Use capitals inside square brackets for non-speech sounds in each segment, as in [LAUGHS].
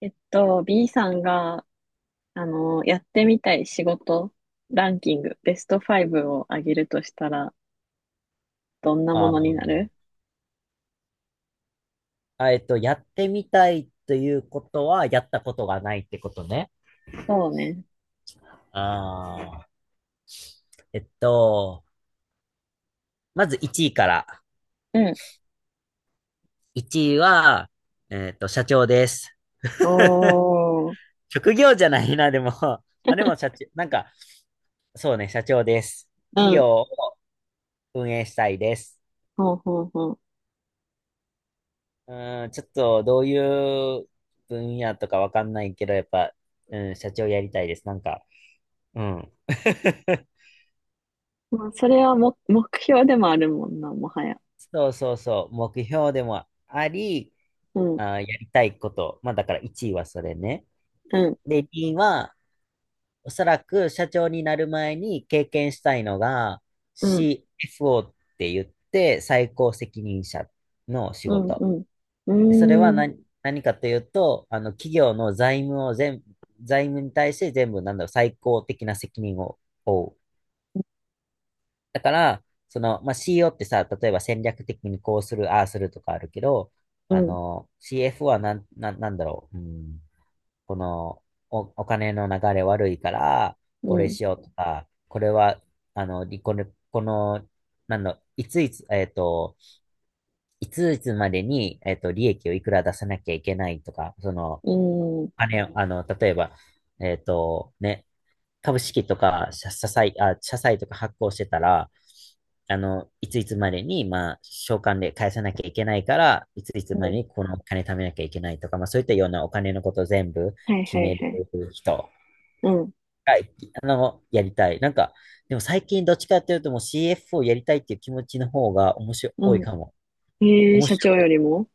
B さんが、やってみたい仕事ランキング、ベスト5を上げるとしたら、どんなあものになーる？やってみたいということは、やったことがないってことね。そうね。ああ、えっと、まず1位から。うん。1位は、社長です。おー。職業じゃないな、でも。[LAUGHS] でも、社長、なんか、そうね、社長です。う企業ん。を運営したいです。ほうほうほちょっと、どういう分野とかわかんないけど、やっぱ、うん、社長やりたいです。なんか、うん。[LAUGHS] う。まあ、それはも、目標でもあるもんな、もはや。そうそうそう、目標でもあり、うん、あー、やりたいこと。まあだから1位はそれね。うん、で、2位は、おそらく社長になる前に経験したいのが うん、CFO って言って最高責任者の仕うん、う事。ん。うでそれはーん、何、何かというと、あの企業の財務を全、財務に対して全部なんだろう、最高的な責任を負う。だから、その、まあ、CEO ってさ、例えば戦略的にこうする、ああするとかあるけど、うあん、の、CFO はなんだろう、うんこのお金の流れ悪いから、うこれん、しようとか、これは、あの、りこれ、この、なんの、いついつ、えっと、いついつまでに、利益をいくら出さなきゃいけないとか、その、うん、うあれ、あの、例えば、ね、株式とか、社債、あ、社債とか発行してたら、あの、いついつまでに、まあ、償還で返さなきゃいけないから、いついつまん。でにこのお金貯めなきゃいけないとか、まあ、そういったようなお金のことを全部はい決はいめるはい。人。うん、はい、あの、やりたい。なんか、でも最近どっちかっていうともう CF をやりたいっていう気持ちの方が面白いう多いん。かも。えー、面社白長よい。りも？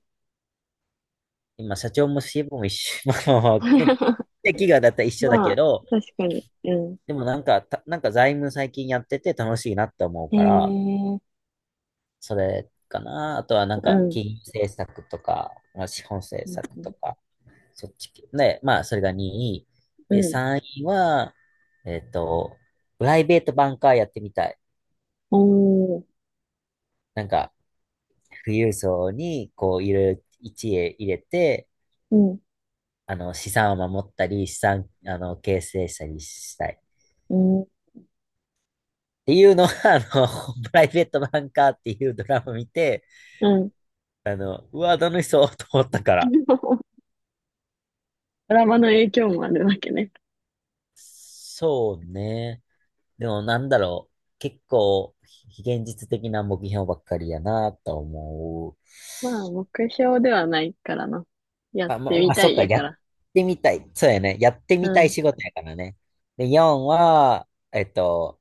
今、社長も CF も一緒。[LAUGHS] まあまあ、で [LAUGHS] 企業だったら一緒だまけあ、ど、確かに。うん。でもなんか、なんか財務最近やってて楽しいなって思うえから、ーそれかな。あとはなんうか、ん。金融政策とか、まあ、資本政策とか、そっち系。で、まあ、それが2位。うで、ん。3位は、えっと、プライベートバンカーやってみたい。おー。なんか、富裕層に、こう、いろいろ一へ入れて、うん。あの、資産を守ったり、資産、あの、形成したりしたい。っうん。ていうのは、[LAUGHS] あの、[LAUGHS] プライベートバンカーっていうドラマを見て、うん。あの、うわ、楽しそうと思ったから。[LAUGHS] ドラマのあ影響もあるわけね。そうね。でも、なんだろう。結構、非現実的な目標ばっかりやなと思う。まあ、目標ではないからな。やっまあまあ、てまみあ、たそっいか、ややかっら。てみたい。そうやね。やってうみたいん。仕事やからね。で、4は、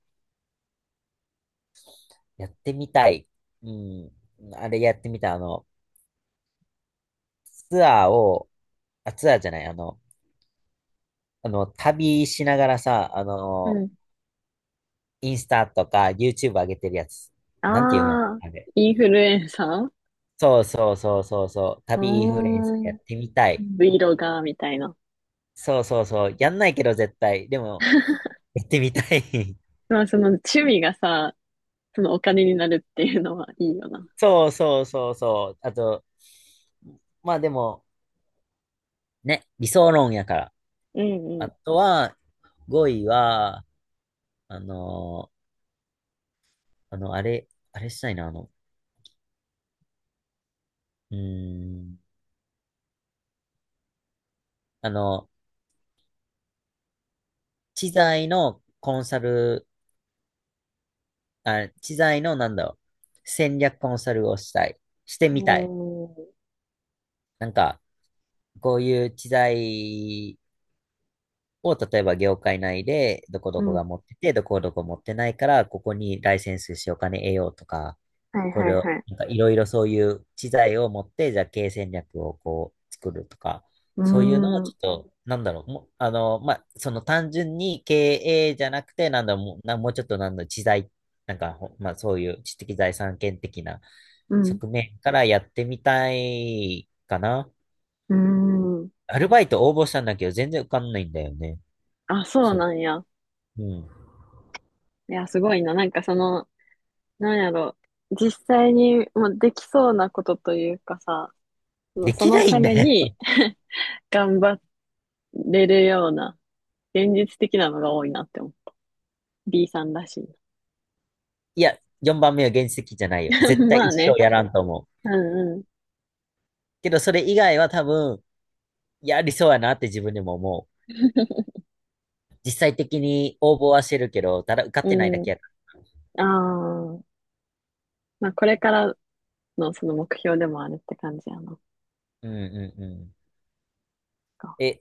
やってみたい。うん。あれやってみたい。あの、ツアーを、ツアーじゃない、あの、旅しながらさ、あうの、ん。インスタとか YouTube 上げてるやつ。なんていうんやっああ、あれ。インフルエンサー。そうそうそうそうそう。う旅インフルエンサーーやっん。てみたい。Vlogger みたいな。そうそうそう。やんないけど絶対。でも、やってみたい。[LAUGHS] まあ、その趣味がさ、そのお金になるっていうのはいいよな。そうそうそうそう。あと、まあでも、ね、理想論やから。うんあうとは、5位は、あのーあの、あれ、あれしたいな、あの、うーん、あの、知財のコンサル、あ、知財のなんだろう、戦略コンサルをしたい。してん。みたい。おー。なんか、こういう知財を、例えば業界内で、どこどうこん。が持ってて、どこどこ持ってないから、ここにライセンスしてお金得ようとか、はいこはいれを、はい。なんかいろいろそういう知財を持って、じゃあ経営戦略をこう作るとか、うーそういうのをん。ちょっと、なんだろう、もう、あの、まあ、その単純に経営じゃなくて、なんだろう、もう、もうちょっとなんだろう、知財、なんか、まあ、そういう知的財産権的なうん。側面からやってみたいかな。うーん。アルバイト応募したんだけど、全然受かんないんだよね。あ、そうそう。なんや。うん。いや、すごいな。なんかその、なんやろ、実際にもうできそうなことというかさ、そのでそきのないたんめだよ。に [LAUGHS] [LAUGHS] 頑張れるような、現実的なのが多いなって思う。B さんらしい。いや、4番目は現実的じゃないよ。絶 [LAUGHS] 対まあ一生ね。やらんと思う。うんうけど、それ以外は多分、やりそうやなって自分でも思う。実際的に応募はしてるけど、ただ受かってないだん。けうやかん。ああ。まあこれからのその目標でもあるって感じやな。ら。うんうんうん。え、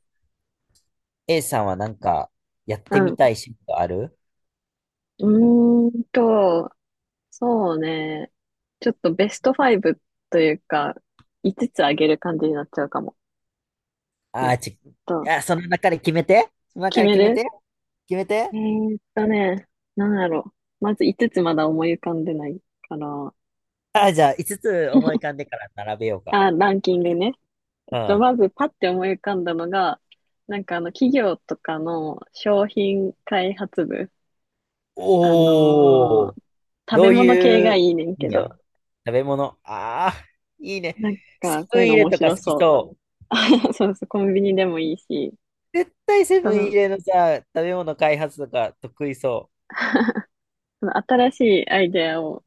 A さんはなんか、やっうてみん。たい仕事あるうーんと、そうね。ちょっとベスト5というか、5つあげる感じになっちゃうかも。えあっーち、とあ、その中で決めて。その決中でめ決める。て。決めえて。ーっとね、なんだろう。まず5つまだ思い浮かんでないから。あー、じゃあ、5つつ思い浮かんでから並べようか。あ、ランキングね。うん。まずパッて思い浮かんだのが、なんか企業とかの商品開発部。あのおー、ー食どべう物系いがいういねん分け野ど、食べ物。ああ、いいね。なんセかそブういうンイのレ面とか白好きそう。そう。[LAUGHS] そうそう、コンビニでもいいし、絶対セそブンイの、レのさ、食べ物開発とか得意そその新しいアイデアを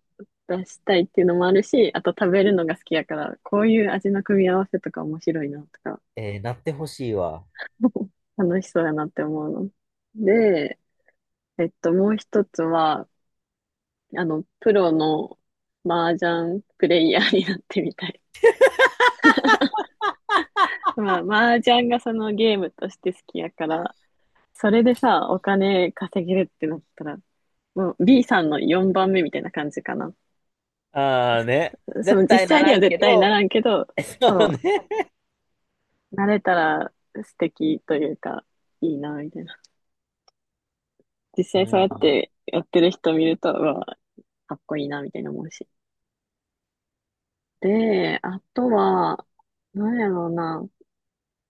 出したいっていうのもあるし、あと食べるのが好きやから、こういう味の組み合わせとか面白いなとか う。えー、なってほしいわ。[LAUGHS] 楽しそうやなって思うの。で、もう一つは、プロの麻雀プレイヤーになってみたい。[LAUGHS] まあ、麻雀がそのゲームとして好きやから、それでさ、お金稼げるってなったら、もう B さんの4番目みたいな感じかな。ああね。そ、そ絶の実対な際にらはん絶け対など、らんけど、[LAUGHS] そそうね。う、なれたら素敵というか、いいな、みたいな。実う際そうやん。ってやってる人見ると、うわ、かっこいいな、みたいな思うし。で、あとは、なんやろうな。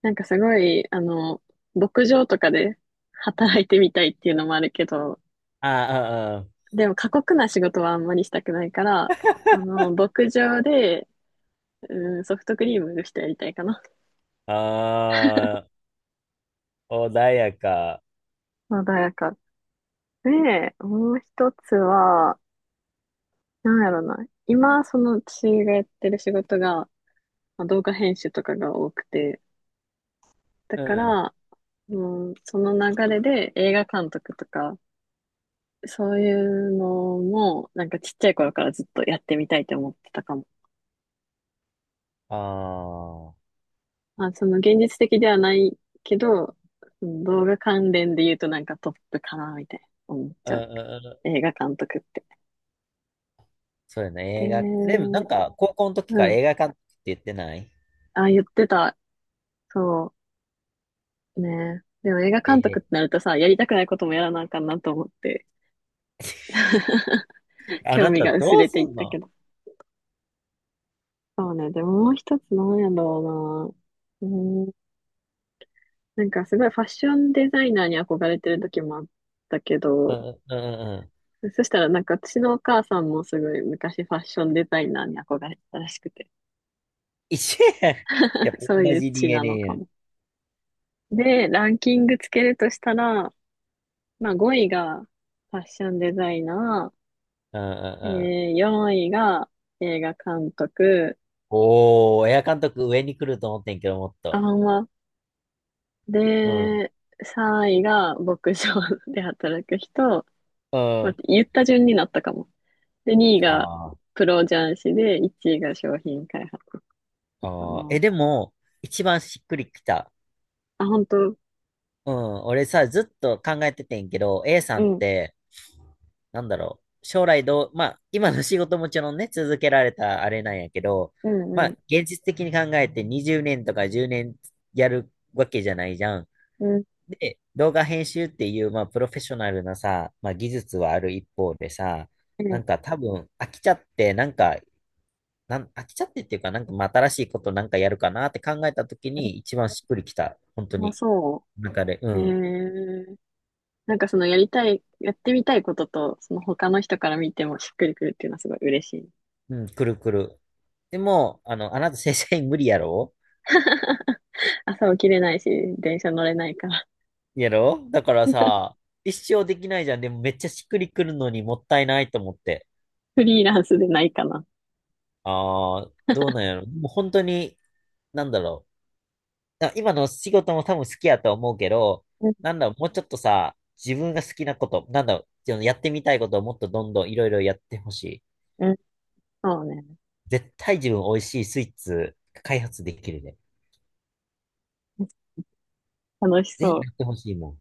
なんかすごい、牧場とかで働いてみたいっていうのもあるけど、あでも過酷な仕事はあんまりしたくないから、牧場で、うん、ソフトクリームの人やりたいかな。ああ、穏やか。穏やか。で、もう一つは、なんやろうな。今、その私がやってる仕事が、まあ動画編集とかが多くて、だうかん。ら、うん、その流れで映画監督とか、そういうのも、なんかちっちゃい頃からずっとやってみたいと思ってたかも。ああ、まあ、その現実的ではないけど、その動画関連で言うとなんかトップかな、みたいな思っちうんゃう。うんうん。映画監督って。そうやで、ね、映画。でもなんうか、高校の時からん。映画館って言ってないあ、言ってた。そうね。でも映画え監督ってー なるとさ、やりたくないこともやらなあかんなと思って、[LAUGHS] [LAUGHS]、あ興な味たが薄どうれすていっんたのけど。そうね。でももう一つなんやろうな。なんかすごいファッションデザイナーに憧れてる時もあったけうど、んうんうんうん。そしたらなんか私のお母さんもすごい昔ファッションデザイナーに憧れてたらしくて、一緒やん。やっ [LAUGHS] ぱそう同いうじ 地 d エ なの a かやん。も。で、ランキングつけるとしたら、まあ5位がファッションデザイナうんうんー、うん。4位が映画監督、おー、エア監督上に来ると思ってんけど、もっあと。んま、うん。で、3位が牧場で働く人、う待ん。って、言った順になったかも。で、2位あがープロ雀士で、1位が商品開発かあー。え、な。でも、一番しっくりきた。あ、本当？うん。俺さ、ずっと考えててんけど、A さうんっん、て、なんだろう。将来どう、まあ、今の仕事もちろんね、続けられたあれなんやけど、うん、まあ、うん、現実的に考えて20年とか10年やるわけじゃないじゃん。うん、で、動画編集っていう、まあ、プロフェッショナルなさ、まあ、技術はある一方でさ、うなん。んか多分飽きちゃって、なんか、飽きちゃってっていうか、なんかまあ新しいことなんかやるかなって考えた時に一番しっくりきた。本当あ、に。そなんかねうう。ん。なんかそのやりたい、やってみたいことと、その他の人から見てもしっくりくるっていうのはすごい嬉しい。うん、くるくる。でも、あの、あなた正社員無理やろ [LAUGHS] 朝起きれないし、電車乗れないから、やろだからさ、一生できないじゃん。でもめっちゃしっくりくるのにもったいないと思って。[LAUGHS] フリーランスでないかな。ああ、どうなんやろ。もう本当に、なんだろう。あ今の仕事も多分好きやと思うけど、うん、なんだろう、もうちょっとさ、自分が好きなこと、なんだろう、そのやってみたいことをもっとどんどんいろいろやってほしい。うん、そうね。絶対自分美味しいスイーツ開発できるね。楽しぜひそう。やってほしいもん。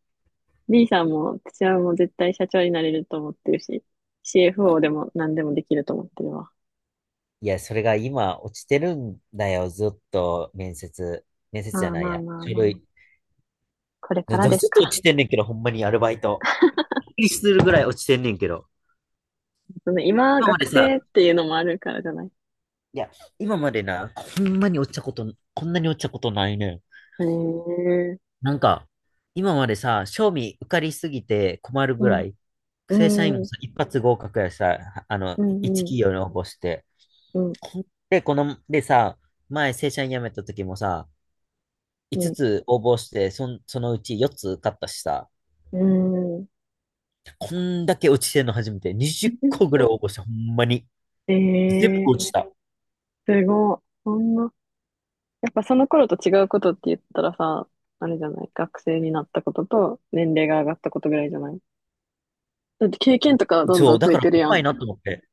B さんも、私はもう絶対社長になれると思ってるし、CFO でも何でもできると思ってるわ。いや、それが今落ちてるんだよ、ずっと面接。面接じゃまあないまあや。まあ書まあ。類。これからずっですかと落ら。ちてんねんけど、ほんまにアルバイト。びっくりするぐらい落ちてんねんけど。その今、今ま学で生さ、っていうのもあるからじゃない？いや、今までな、ほんまに落ちたこと、こんなに落ちたことないねん。へえ。なんか、今までさ、賞味受かりすぎて困るうぐらん。い、正社員うもん。さ、一発合格やしさ、あの、う一ん。うん。企業に応募して。ほんで、この、でさ、前正社員辞めた時もさ、う5ん。つつ応募して、そのうち4つ受かったしさ、うん。こんだけ落ちてんの初めて、20個ぐらい応募して、ほんまに。え全部え落ちー、た。すごい。そんな。やっぱその頃と違うことって言ったらさ、あれじゃない？学生になったことと年齢が上がったことぐらいじゃない？だって経験とかどんそどう、んだ増えからてるや怖いん。なと思って。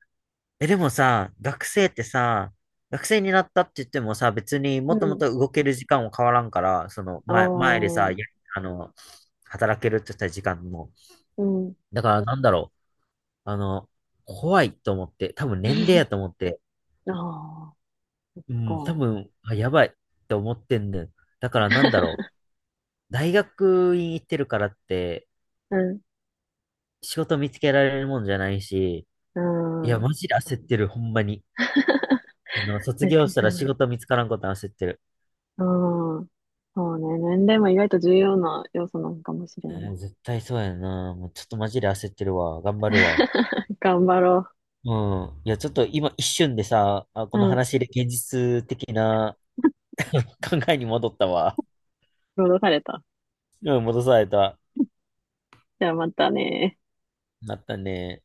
え、でもさ、学生ってさ、学生になったって言ってもさ、別にうもともん。と動ける時間も変わらんから、あ前でさ、あ、やあの、働けるって言った時間も。うん。だからなんだろう、あの、怖いと思って、多分年齢や [LAUGHS] と思って、ああ、うん、多か。分、あ、やばいって思ってんねん。だからなんだろう、大学院行ってるからって、うん。仕事見つけられるもんじゃないし、ういや、ん。マジで焦ってる、ほんまに。[LAUGHS] あの、卒業し確たから仕に。事見つからんこと焦ってる。うん。そうね。年齢も意外と重要な要素なのかもしれえんな。ー絶対そうやな。もうちょっとマジで焦ってるわ。頑張るわ。[LAUGHS] 頑張ろうん。いや、ちょっと今一瞬でさ、あ、こう。のうん。話で現実的な考えに戻ったわ。労働された。うん、戻された。じゃあまたね。なったね。